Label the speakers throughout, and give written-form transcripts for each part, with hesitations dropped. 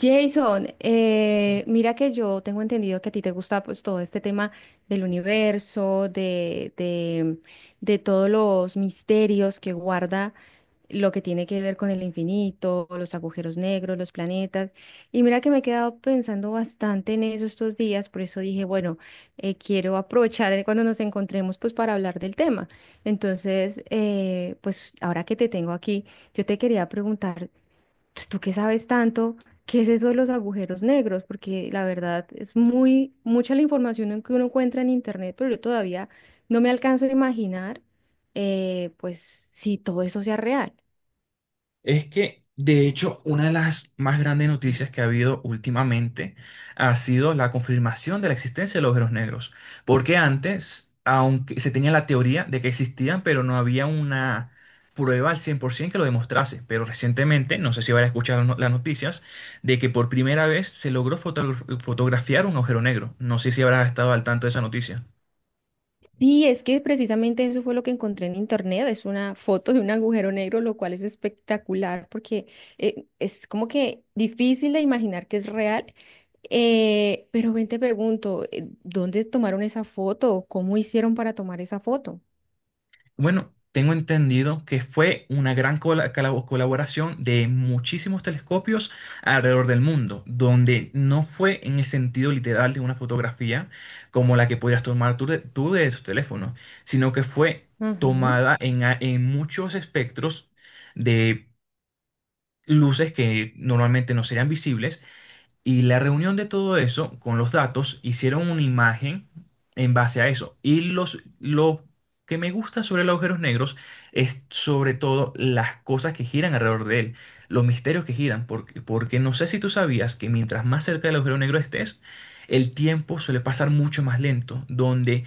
Speaker 1: Jason, mira que yo tengo entendido que a ti te gusta pues todo este tema del universo, de todos los misterios que guarda lo que tiene que ver con el infinito, los agujeros negros, los planetas. Y mira que me he quedado pensando bastante en eso estos días, por eso dije, bueno, quiero aprovechar cuando nos encontremos pues para hablar del tema. Entonces, pues ahora que te tengo aquí, yo te quería preguntar pues, tú que sabes tanto, ¿qué es eso de los agujeros negros? Porque la verdad es muy mucha la información en que uno encuentra en internet, pero yo todavía no me alcanzo a imaginar, pues, si todo eso sea real.
Speaker 2: Es que, de hecho, una de las más grandes noticias que ha habido últimamente ha sido la confirmación de la existencia de los agujeros negros. Porque antes, aunque se tenía la teoría de que existían, pero no había una prueba al 100% que lo demostrase. Pero recientemente, no sé si van a escuchar las no- las noticias, de que por primera vez se logró fotografiar un agujero negro. No sé si habrá estado al tanto de esa noticia.
Speaker 1: Sí, es que precisamente eso fue lo que encontré en internet, es una foto de un agujero negro, lo cual es espectacular porque es como que difícil de imaginar que es real. Pero ven, te pregunto, ¿dónde tomaron esa foto? ¿Cómo hicieron para tomar esa foto?
Speaker 2: Bueno, tengo entendido que fue una gran colaboración de muchísimos telescopios alrededor del mundo, donde no fue en el sentido literal de una fotografía como la que podrías tomar tú de tu teléfono, sino que fue
Speaker 1: Ajá.
Speaker 2: tomada en, en muchos espectros de luces que normalmente no serían visibles, y la reunión de todo eso con los datos hicieron una imagen en base a eso. Y lo que me gusta sobre los agujeros negros es sobre todo las cosas que giran alrededor de él, los misterios que giran, porque no sé si tú sabías que mientras más cerca del agujero negro estés, el tiempo suele pasar mucho más lento, donde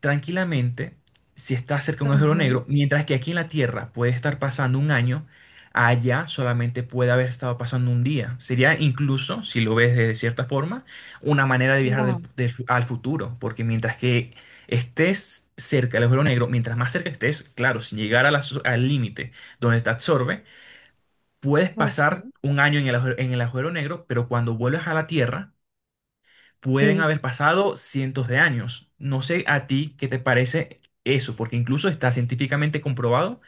Speaker 2: tranquilamente, si está cerca de un agujero
Speaker 1: Ajá,
Speaker 2: negro, mientras que aquí en la Tierra puede estar pasando un año, allá solamente puede haber estado pasando un día. Sería incluso, si lo ves de cierta forma, una manera de viajar
Speaker 1: wow,
Speaker 2: al futuro, porque mientras que estés cerca del agujero negro, mientras más cerca estés, claro, sin llegar a la al límite donde te absorbe, puedes pasar
Speaker 1: ok,
Speaker 2: un año en en el agujero negro, pero cuando vuelves a la Tierra, pueden
Speaker 1: sí,
Speaker 2: haber pasado cientos de años. No sé a ti qué te parece eso, porque incluso está científicamente comprobado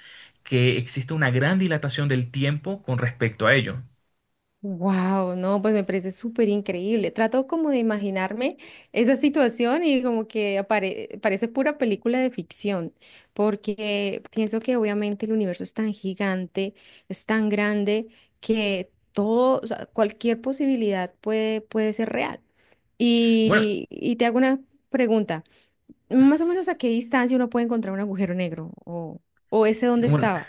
Speaker 2: que existe una gran dilatación del tiempo con respecto a ello.
Speaker 1: wow, no, pues me parece súper increíble. Trato como de imaginarme esa situación y como que parece pura película de ficción, porque pienso que obviamente el universo es tan gigante, es tan grande, que todo, o sea, cualquier posibilidad puede ser real.
Speaker 2: Bueno,
Speaker 1: Y te hago una pregunta, más o menos a qué distancia uno puede encontrar un agujero negro o ese dónde
Speaker 2: bueno,
Speaker 1: estaba.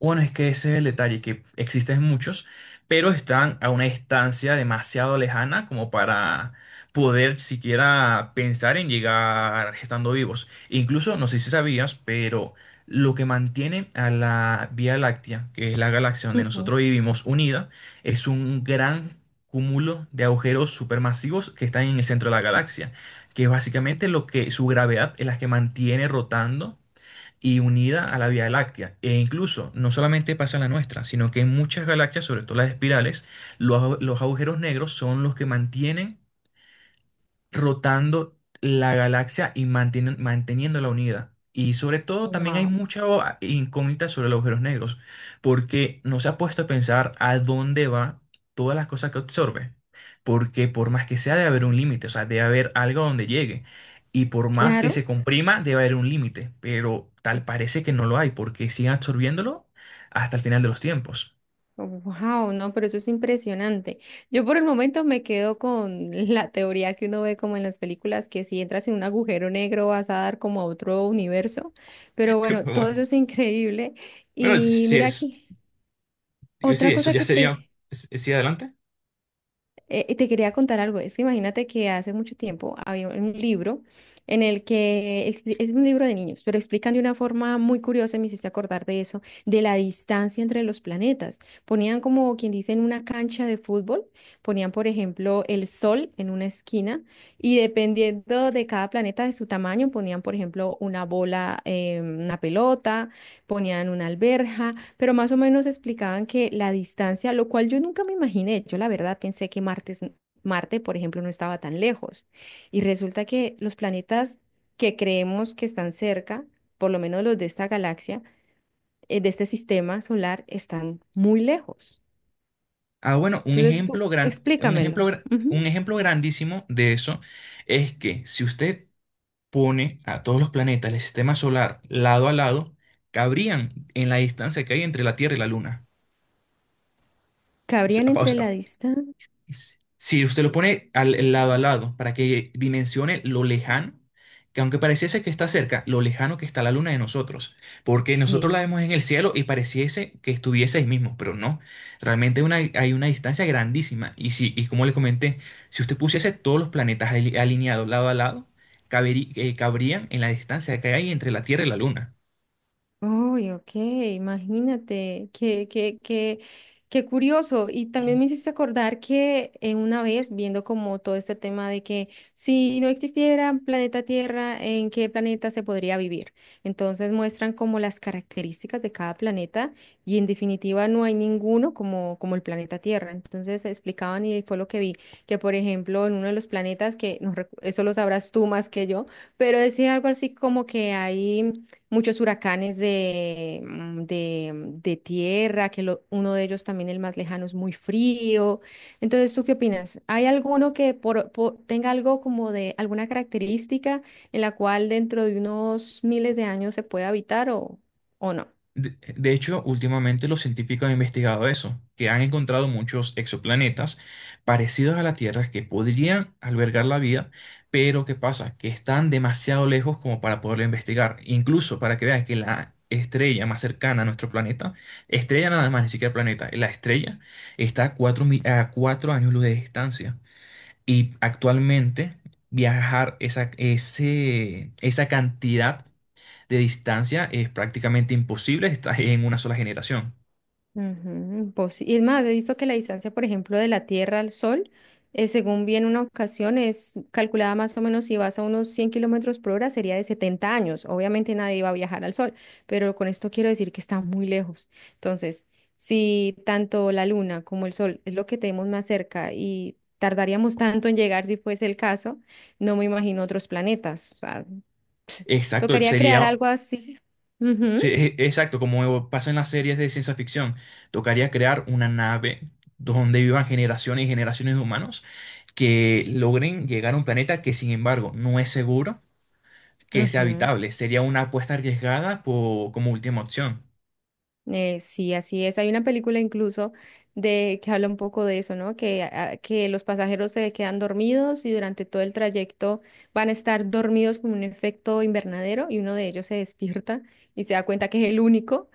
Speaker 2: Bueno, es que ese es el detalle, que existen muchos, pero están a una distancia demasiado lejana como para poder siquiera pensar en llegar estando vivos. Incluso, no sé si sabías, pero lo que mantiene a la Vía Láctea, que es la galaxia donde nosotros vivimos unida, es un gran cúmulo de agujeros supermasivos que están en el centro de la galaxia, que es básicamente lo que su gravedad es la que mantiene rotando y unida a la Vía Láctea. E incluso no solamente pasa en la nuestra, sino que en muchas galaxias, sobre todo las espirales, los agujeros negros son los que mantienen rotando la galaxia y manteniéndola unida. Y sobre todo también hay
Speaker 1: Wow.
Speaker 2: mucha incógnita sobre los agujeros negros, porque no se ha puesto a pensar a dónde va todas las cosas que absorbe. Porque por más que sea, debe haber un límite, o sea, debe haber algo a donde llegue. Y por más que
Speaker 1: Claro,
Speaker 2: se comprima, debe haber un límite, pero tal parece que no lo hay, porque siguen absorbiéndolo hasta el final de los tiempos.
Speaker 1: wow, no, pero eso es impresionante. Yo por el momento me quedo con la teoría que uno ve como en las películas, que si entras en un agujero negro vas a dar como a otro universo, pero bueno, todo eso es increíble.
Speaker 2: Bueno, sí
Speaker 1: Y
Speaker 2: sí
Speaker 1: mira
Speaker 2: es,
Speaker 1: aquí,
Speaker 2: sí,
Speaker 1: otra
Speaker 2: eso
Speaker 1: cosa
Speaker 2: ya
Speaker 1: que
Speaker 2: sería,
Speaker 1: te,
Speaker 2: sí, adelante.
Speaker 1: Te quería contar algo, es que imagínate que hace mucho tiempo había un libro en el que es un libro de niños, pero explican de una forma muy curiosa, y me hiciste acordar de eso, de la distancia entre los planetas. Ponían como quien dice en una cancha de fútbol, ponían por ejemplo el Sol en una esquina y dependiendo de cada planeta de su tamaño, ponían por ejemplo una bola, una pelota ponían una alberja, pero más o menos explicaban que la distancia, lo cual yo nunca me imaginé, yo la verdad pensé que Marte, por ejemplo, no estaba tan lejos. Y resulta que los planetas que creemos que están cerca, por lo menos los de esta galaxia, de este sistema solar, están muy lejos.
Speaker 2: Ah, bueno,
Speaker 1: Entonces, tú explícamelo.
Speaker 2: un
Speaker 1: Ujú.
Speaker 2: ejemplo grandísimo de eso es que si usted pone a todos los planetas del sistema solar lado a lado, cabrían en la distancia que hay entre la Tierra y la Luna.
Speaker 1: ¿Cabrían entre la distancia?
Speaker 2: Si usted lo pone al lado a lado para que dimensione lo lejano, que aunque pareciese que está cerca, lo lejano que está la luna de nosotros, porque nosotros la vemos en el cielo y pareciese que estuviese ahí mismo, pero no, realmente hay una distancia grandísima. Y, si, y como le comenté, si usted pusiese todos los planetas alineados lado a lado, cabrían en la distancia que hay entre la Tierra y la luna.
Speaker 1: Uy, ok, imagínate, qué curioso. Y también me hiciste acordar que una vez viendo como todo este tema de que si no existiera planeta Tierra, ¿en qué planeta se podría vivir? Entonces muestran como las características de cada planeta y en definitiva no hay ninguno como el planeta Tierra. Entonces explicaban y fue lo que vi, que por ejemplo en uno de los planetas, que no eso lo sabrás tú más que yo, pero decía algo así como que hay muchos huracanes de tierra, que uno de ellos también el más lejano es muy frío. Entonces, ¿tú qué opinas? ¿Hay alguno que tenga algo como de alguna característica en la cual dentro de unos miles de años se pueda habitar o no?
Speaker 2: De hecho, últimamente los científicos han investigado eso, que han encontrado muchos exoplanetas parecidos a la Tierra que podrían albergar la vida, pero ¿qué pasa? Que están demasiado lejos como para poderlo investigar. Incluso para que vean que la estrella más cercana a nuestro planeta, estrella nada más, ni siquiera planeta, la estrella está a a 4 años luz de distancia. Y actualmente viajar esa cantidad de distancia es prácticamente imposible, estás en una sola generación.
Speaker 1: Ujú, pos- y es más, he visto que la distancia, por ejemplo, de la Tierra al Sol, según vi en una ocasión, es calculada más o menos si vas a unos 100 kilómetros por hora, sería de 70 años. Obviamente nadie iba a viajar al Sol, pero con esto quiero decir que está muy lejos. Entonces, si tanto la Luna como el Sol es lo que tenemos más cerca y tardaríamos tanto en llegar si fuese el caso, no me imagino otros planetas. O sea,
Speaker 2: Exacto,
Speaker 1: tocaría crear algo así. Ujú,
Speaker 2: exacto, como pasa en las series de ciencia ficción, tocaría crear una nave donde vivan generaciones y generaciones de humanos que logren llegar a un planeta que sin embargo no es seguro que sea
Speaker 1: ujú.
Speaker 2: habitable. Sería una apuesta arriesgada como última opción.
Speaker 1: Sí, así es. Hay una película incluso de que habla un poco de eso, ¿no? Que, ah, que los pasajeros se quedan dormidos y durante todo el trayecto van a estar dormidos como un efecto invernadero y uno de ellos se despierta y se da cuenta que es el único.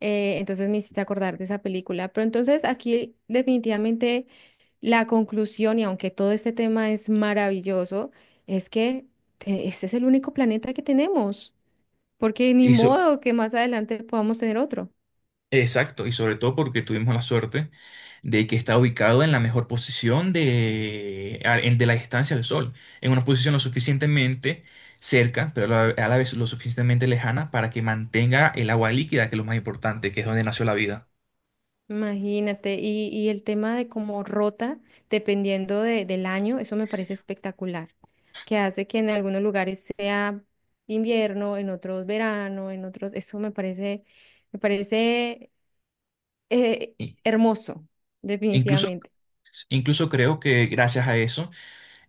Speaker 1: Entonces me hiciste acordar de esa película. Pero entonces aquí definitivamente la conclusión, y aunque todo este tema es maravilloso, es que este es el único planeta que tenemos, porque ni modo que más adelante podamos tener otro.
Speaker 2: Exacto, y sobre todo porque tuvimos la suerte de que está ubicado en la mejor posición de la distancia del Sol, en una posición lo suficientemente cerca, pero a la vez lo suficientemente lejana para que mantenga el agua líquida, que es lo más importante, que es donde nació la vida.
Speaker 1: Imagínate, y el tema de cómo rota, del año, eso me parece espectacular, que hace que en algunos lugares sea invierno, en otros verano, en otros, eso me parece eh,
Speaker 2: Y-
Speaker 1: hermoso,
Speaker 2: Incluso,
Speaker 1: definitivamente.
Speaker 2: incluso creo que gracias a eso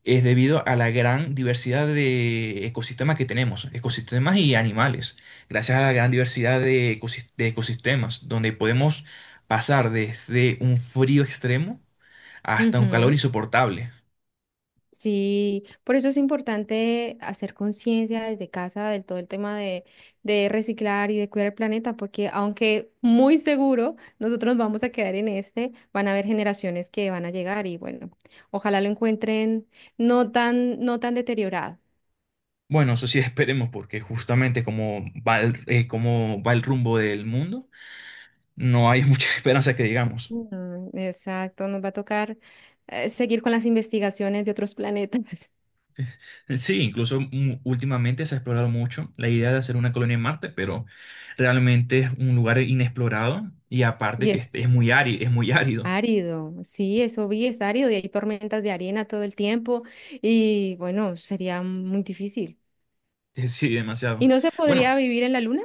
Speaker 2: es debido a la gran diversidad de ecosistemas que tenemos, ecosistemas y animales, gracias a la gran diversidad de de ecosistemas, donde podemos pasar desde un frío extremo hasta un calor
Speaker 1: Ujú.
Speaker 2: insoportable.
Speaker 1: Sí, por eso es importante hacer conciencia desde casa del todo el tema de reciclar y de cuidar el planeta, porque aunque muy seguro nosotros vamos a quedar en este, van a haber generaciones que van a llegar y bueno, ojalá lo encuentren no tan deteriorado.
Speaker 2: Bueno, eso sí esperemos, porque justamente como va como va el rumbo del mundo, no hay mucha esperanza que digamos.
Speaker 1: Mm, exacto, nos va a tocar seguir con las investigaciones de otros planetas.
Speaker 2: Sí, incluso últimamente se ha explorado mucho la idea de hacer una colonia en Marte, pero realmente es un lugar inexplorado y aparte
Speaker 1: Y
Speaker 2: que
Speaker 1: es
Speaker 2: este es muy árido, es muy árido.
Speaker 1: Árido, sí, eso vi, es árido y hay tormentas de arena todo el tiempo y bueno, sería muy difícil.
Speaker 2: Sí, demasiado.
Speaker 1: ¿Y no se
Speaker 2: Bueno,
Speaker 1: podría vivir en la luna?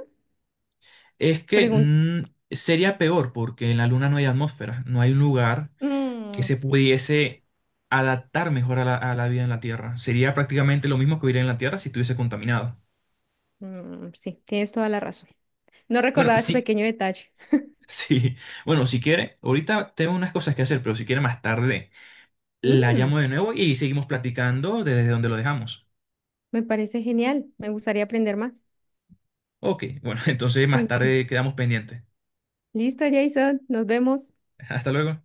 Speaker 2: es que
Speaker 1: Pregunta.
Speaker 2: sería peor porque en la Luna no hay atmósfera, no hay un lugar que
Speaker 1: Mm,
Speaker 2: se pudiese adaptar mejor a a la vida en la Tierra. Sería prácticamente lo mismo que vivir en la Tierra si estuviese contaminado.
Speaker 1: mm, sí, tienes toda la razón. No
Speaker 2: Bueno,
Speaker 1: recordaba ese
Speaker 2: sí,
Speaker 1: pequeño detalle.
Speaker 2: sí. Bueno, si quiere, ahorita tengo unas cosas que hacer, pero si quiere más tarde. La llamo
Speaker 1: Mm,
Speaker 2: de nuevo y seguimos platicando desde donde lo dejamos.
Speaker 1: me parece genial, me gustaría aprender más.
Speaker 2: Ok, bueno, entonces más
Speaker 1: Ok,
Speaker 2: tarde quedamos pendientes.
Speaker 1: listo, Jason, nos vemos.
Speaker 2: Hasta luego.